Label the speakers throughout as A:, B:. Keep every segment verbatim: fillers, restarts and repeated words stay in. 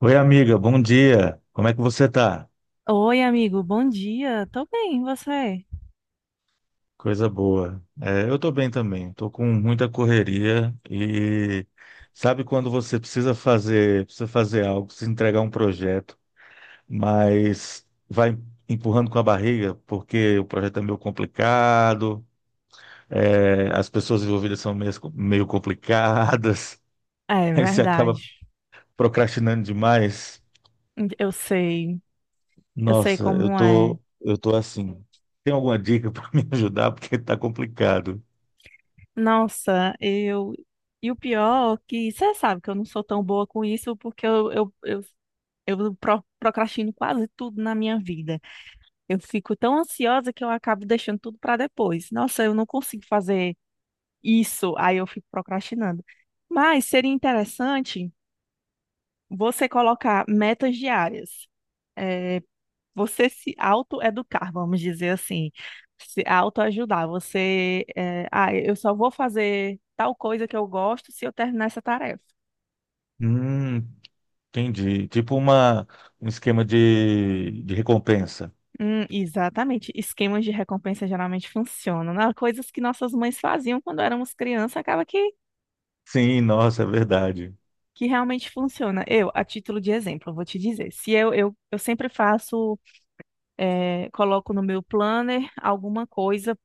A: Oi, amiga, bom dia. Como é que você tá?
B: Oi, amigo, bom dia. Tô bem, e você?
A: Coisa boa. É, eu tô bem também. Tô com muita correria e sabe quando você precisa fazer, precisa fazer algo, precisa entregar um projeto, mas vai empurrando com a barriga porque o projeto é meio complicado, é, as pessoas envolvidas são meio, meio complicadas,
B: É
A: aí você
B: verdade.
A: acaba procrastinando demais.
B: Eu sei, eu sei
A: Nossa, eu
B: como é.
A: tô, eu tô assim. Tem alguma dica para me ajudar porque tá complicado?
B: Nossa, eu. E o pior é que você sabe que eu não sou tão boa com isso porque eu, eu, eu, eu pro- procrastino quase tudo na minha vida. Eu fico tão ansiosa que eu acabo deixando tudo para depois. Nossa, eu não consigo fazer isso, aí eu fico procrastinando. Mas seria interessante você colocar metas diárias. Você se autoeducar, vamos dizer assim, se autoajudar. Você, eh, ah, eu só vou fazer tal coisa que eu gosto se eu terminar essa tarefa.
A: Hum, entendi. Tipo uma, um esquema de, de recompensa.
B: Hum, exatamente. Esquemas de recompensa geralmente funcionam, né? Coisas que nossas mães faziam quando éramos criança, acaba que
A: Sim, nossa, é verdade.
B: que realmente funciona. Eu, a título de exemplo, eu vou te dizer. Se eu, eu, eu sempre faço, eh, coloco no meu planner alguma coisa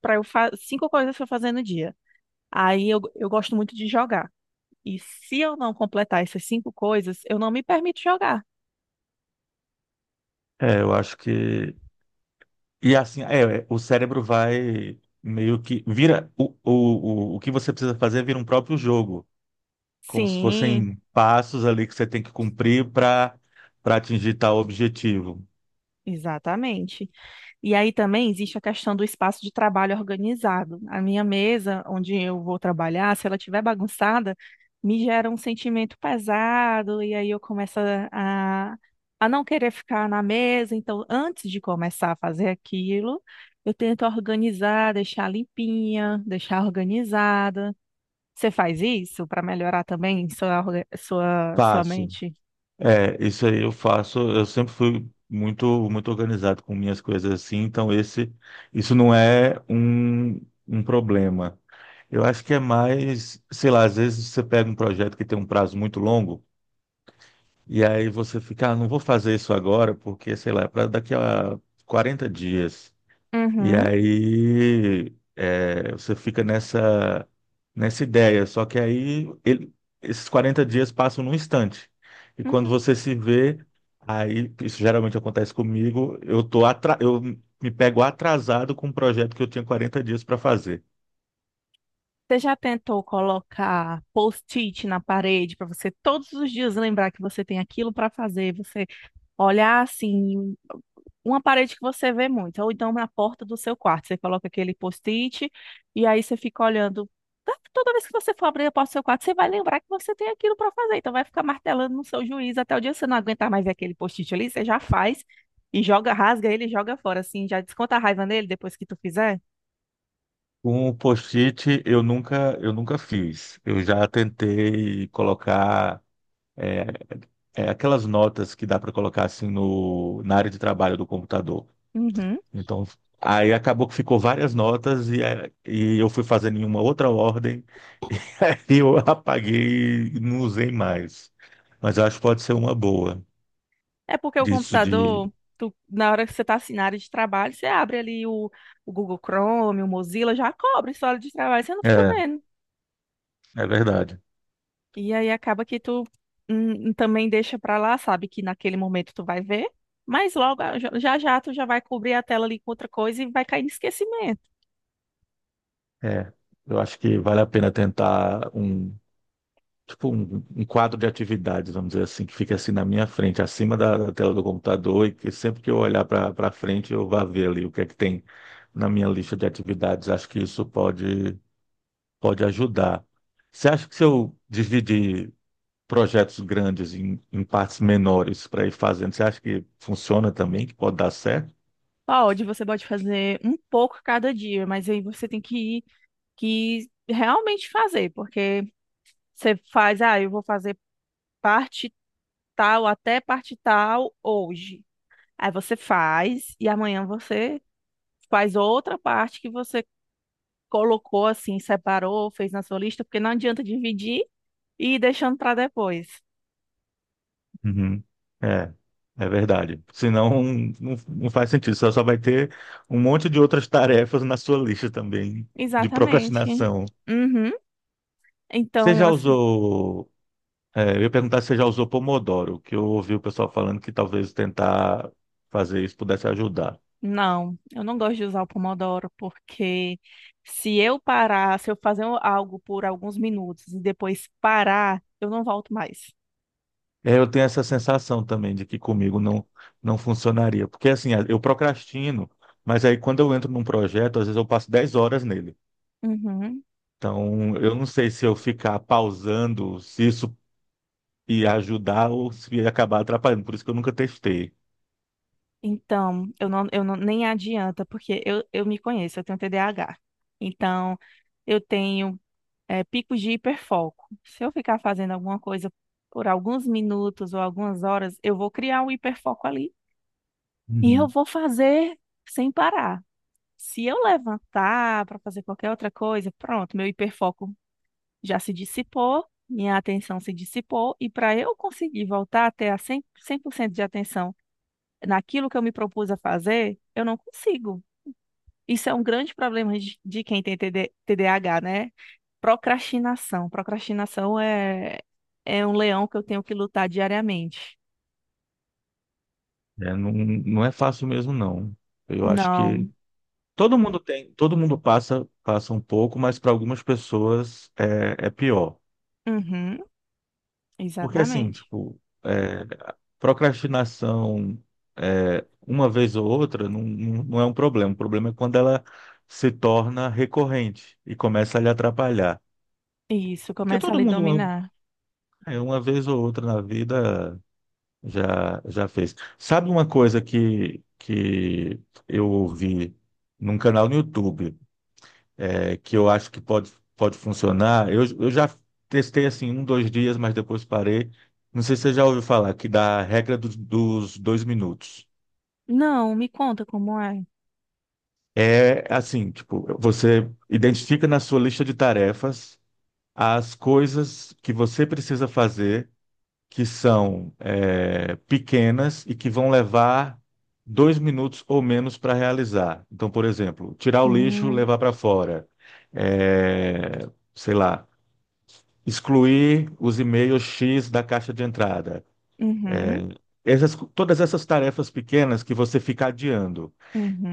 B: para eu fazer, cinco coisas para eu fazer no dia. Aí eu, eu gosto muito de jogar. E se eu não completar essas cinco coisas, eu não me permito jogar.
A: É, eu acho que. E assim, é, é, o cérebro vai meio que. Vira. O, o, o, o que você precisa fazer vira um próprio jogo. Como se
B: Sim,
A: fossem passos ali que você tem que cumprir para para atingir tal objetivo.
B: exatamente. E aí também existe a questão do espaço de trabalho organizado. A minha mesa, onde eu vou trabalhar, se ela estiver bagunçada, me gera um sentimento pesado, e aí eu começo a, a não querer ficar na mesa. Então, antes de começar a fazer aquilo, eu tento organizar, deixar limpinha, deixar organizada. Você faz isso para melhorar também sua, orga- sua, sua
A: Passo.
B: mente?
A: É, isso aí eu faço. Eu sempre fui muito muito organizado com minhas coisas assim, então esse isso não é um, um problema. Eu acho que é mais, sei lá, às vezes você pega um projeto que tem um prazo muito longo e aí você fica, ah, não vou fazer isso agora porque, sei lá, é para daqui a quarenta dias. E
B: Uhum,
A: aí é, você fica nessa, nessa ideia, só que aí ele- esses quarenta dias passam num instante. E quando
B: uhum.
A: você se vê, aí isso geralmente acontece comigo, eu tô atra- eu me pego atrasado com um projeto que eu tinha quarenta dias para fazer.
B: Você já tentou colocar post-it na parede para você todos os dias lembrar que você tem aquilo para fazer? Você olhar assim, uma parede que você vê muito, ou então na porta do seu quarto, você coloca aquele post-it e aí você fica olhando. Tá. Toda vez que você for abrir a porta do seu quarto, você vai lembrar que você tem aquilo para fazer. Então vai ficar martelando no seu juiz até o dia que você não aguentar mais ver aquele post-it ali, você já faz e joga, rasga ele e joga fora, assim, já desconta a raiva nele depois que tu fizer.
A: Com o post-it eu nunca, eu nunca fiz. Eu já tentei colocar é, é, aquelas notas que dá para colocar assim no, na área de trabalho do computador.
B: Uhum.
A: Então, aí acabou que ficou várias notas e, eh, e eu fui fazendo em uma outra ordem e aí eu apaguei e não usei mais. Mas eu acho que pode ser uma boa
B: É porque o
A: disso de...
B: computador, tu- na hora que você está assim, na área de trabalho, você abre ali o, o Google Chrome, o Mozilla, já cobre sua área de trabalho, você não fica
A: É,
B: vendo.
A: é verdade.
B: E aí acaba que tu hum, hum, também deixa pra lá, sabe que naquele momento tu vai ver, mas logo ah, já já já tu já vai cobrir a tela ali com outra coisa e vai cair em esquecimento.
A: É, eu acho que vale a pena tentar um, tipo um, um quadro de atividades, vamos dizer assim, que fique assim na minha frente, acima da, da tela do computador e que sempre que eu olhar para para frente eu vá ver ali o que é que tem na minha lista de atividades. Acho que isso pode pode ajudar. Você acha que se eu dividir projetos grandes em, em partes menores para ir fazendo, você acha que funciona também, que pode dar certo?
B: Pode, você pode fazer um pouco cada dia, mas aí você tem que ir, que realmente fazer, porque você faz, ah, eu vou fazer parte tal até parte tal hoje. Aí você faz e amanhã você faz outra parte que você colocou assim, separou, fez na sua lista, porque não adianta dividir e ir deixando para depois.
A: Uhum. É, é verdade. Senão não, não faz sentido. Você só vai ter um monte de outras tarefas na sua lista também de
B: Exatamente.
A: procrastinação.
B: Uhum.
A: Você
B: Então,
A: já
B: assim,
A: usou? É, eu ia perguntar se você já usou Pomodoro, que eu ouvi o pessoal falando que talvez tentar fazer isso pudesse ajudar.
B: não, eu não gosto de usar o Pomodoro, porque se eu parar, se eu fazer algo por alguns minutos e depois parar, eu não volto mais.
A: É, eu tenho essa sensação também de que comigo não, não funcionaria. Porque assim, eu procrastino, mas aí quando eu entro num projeto, às vezes eu passo dez horas nele.
B: Uhum.
A: Então, eu não sei se eu ficar pausando, se isso ia ajudar ou se ia acabar atrapalhando. Por isso que eu nunca testei.
B: Então, eu não, eu não, nem adianta, porque eu, eu me conheço, eu tenho T D A H. Então, eu tenho é, picos de hiperfoco. Se eu ficar fazendo alguma coisa por alguns minutos ou algumas horas, eu vou criar um hiperfoco ali e eu
A: Uhum.
B: vou fazer sem parar. Se eu levantar para fazer qualquer outra coisa, pronto, meu hiperfoco já se dissipou, minha atenção se dissipou, e para eu conseguir voltar a ter a cem, cem por cento de atenção naquilo que eu me propus a fazer, eu não consigo. Isso é um grande problema de, de quem tem TD, T D A H, né? Procrastinação. Procrastinação é, é um leão que eu tenho que lutar diariamente.
A: É, não, não é fácil mesmo, não. Eu acho que
B: Não.
A: todo mundo tem, todo mundo passa, passa um pouco, mas para algumas pessoas é, é pior.
B: Uhum,
A: Porque assim,
B: exatamente.
A: tipo, é, procrastinação é, uma vez ou outra não, não não é um problema. O problema é quando ela se torna recorrente e começa a lhe atrapalhar.
B: Isso,
A: Porque
B: começa a
A: todo
B: lhe
A: mundo, uma,
B: dominar.
A: é, uma vez ou outra na vida, já, já fez. Sabe uma coisa que, que eu ouvi num canal no YouTube? É, que eu acho que pode, pode funcionar. Eu, eu já testei assim um, dois dias, mas depois parei. Não sei se você já ouviu falar que da regra dos dos dois minutos.
B: Não, me conta como é.
A: É assim, tipo, você identifica na sua lista de tarefas as coisas que você precisa fazer que são é, pequenas e que vão levar dois minutos ou menos para realizar. Então, por exemplo, tirar o lixo,
B: Hum,
A: levar para fora. É, sei lá, excluir os e-mails X da caixa de entrada.
B: Uhum,
A: Essas- todas essas tarefas pequenas que você fica adiando.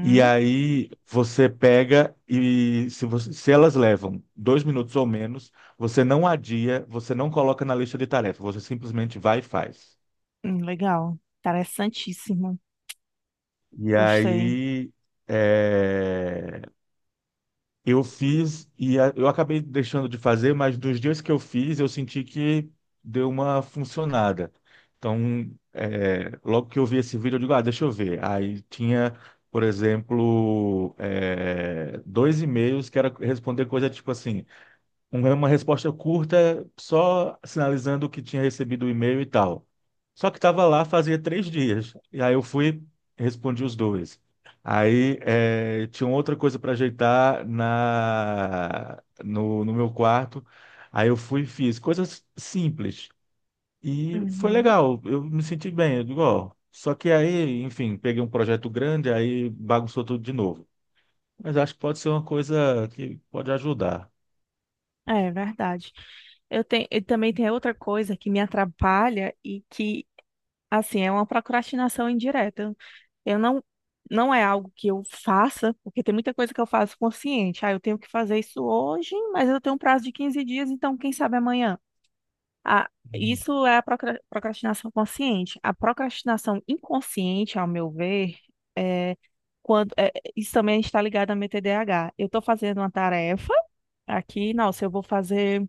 A: E aí você pega e se, você- se elas levam dois minutos ou menos, você não adia, você não coloca na lista de tarefas, você simplesmente vai e faz.
B: hum, legal. Interessantíssimo.
A: E
B: Gostei.
A: aí, é, eu fiz e a- eu acabei deixando de fazer, mas dos dias que eu fiz, eu senti que deu uma funcionada. Então, é, logo que eu vi esse vídeo, eu digo, ah, deixa eu ver. Aí tinha, por exemplo, é, dois e-mails que era responder coisa tipo assim, um- uma resposta curta, só sinalizando que tinha recebido o e-mail e tal. Só que estava lá fazia três dias. E aí eu fui, respondi os dois. Aí eh, tinha outra coisa para ajeitar na, no, no meu quarto. Aí eu fui e fiz coisas simples. E foi
B: Uhum.
A: legal, eu me senti bem. Eu digo, ó, só que aí, enfim, peguei um projeto grande, aí bagunçou tudo de novo. Mas acho que pode ser uma coisa que pode ajudar.
B: É verdade. Eu tenho, e também tem outra coisa que me atrapalha e que, assim, é uma procrastinação indireta. Eu não, não é algo que eu faça, porque tem muita coisa que eu faço consciente. Ah, eu tenho que fazer isso hoje, mas eu tenho um prazo de quinze dias, então quem sabe amanhã. Ah, isso é a procra- procrastinação consciente. A procrastinação inconsciente, ao meu ver, é quando é, isso também está ligado ao meu T D A H. Eu estou fazendo uma tarefa aqui, nossa, eu vou fazer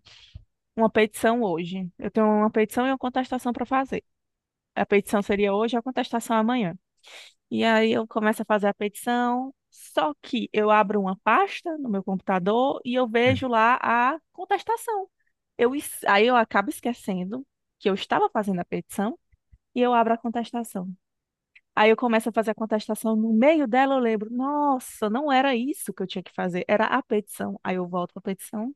B: uma petição hoje. Eu tenho uma petição e uma contestação para fazer. A petição seria hoje, a contestação amanhã. E aí eu começo a fazer a petição, só que eu abro uma pasta no meu computador e eu vejo
A: Uhum.
B: lá a contestação. Eu, es- aí eu acabo esquecendo que eu estava fazendo a petição e eu abro a contestação. Aí eu começo a fazer a contestação, no meio dela eu lembro, nossa, não era isso que eu tinha que fazer, era a petição. Aí eu volto para a petição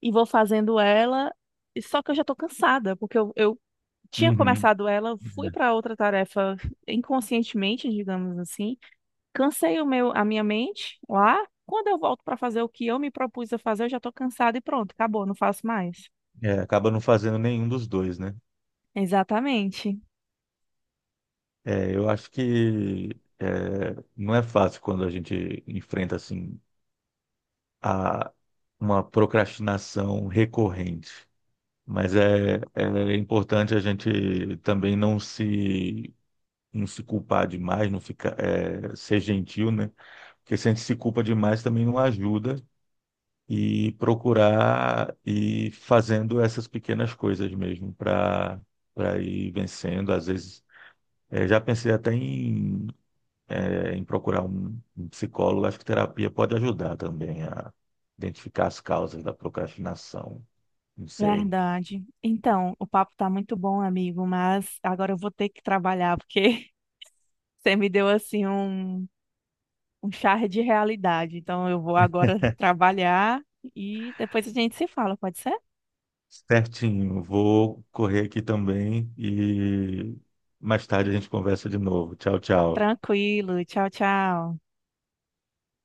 B: e vou fazendo ela, e só que eu já estou cansada, porque eu, eu tinha
A: Uhum.
B: começado ela, fui para outra tarefa inconscientemente, digamos assim. Cansei o meu, a minha mente lá. Quando eu volto para fazer o que eu me propus a fazer, eu já estou cansada e pronto, acabou, não faço mais.
A: É, acaba não fazendo nenhum dos dois, né?
B: Exatamente.
A: É, eu acho que é, não é fácil quando a gente enfrenta assim a uma procrastinação recorrente, mas é, é importante a gente também não se não se culpar demais, não ficar é, ser gentil, né? Porque se a gente se culpa demais também não ajuda e procurar ir fazendo essas pequenas coisas mesmo para para ir vencendo. Às vezes, eh, já pensei até em, eh, em procurar um, um psicólogo. Acho que terapia pode ajudar também a identificar as causas da procrastinação. Não sei.
B: Verdade. Então, o papo tá muito bom, amigo, mas agora eu vou ter que trabalhar porque você me deu assim um, um, charre de realidade. Então, eu vou agora trabalhar e depois a gente se fala, pode ser?
A: Certinho, vou correr aqui também e mais tarde a gente conversa de novo. Tchau, tchau.
B: Tranquilo. Tchau, tchau.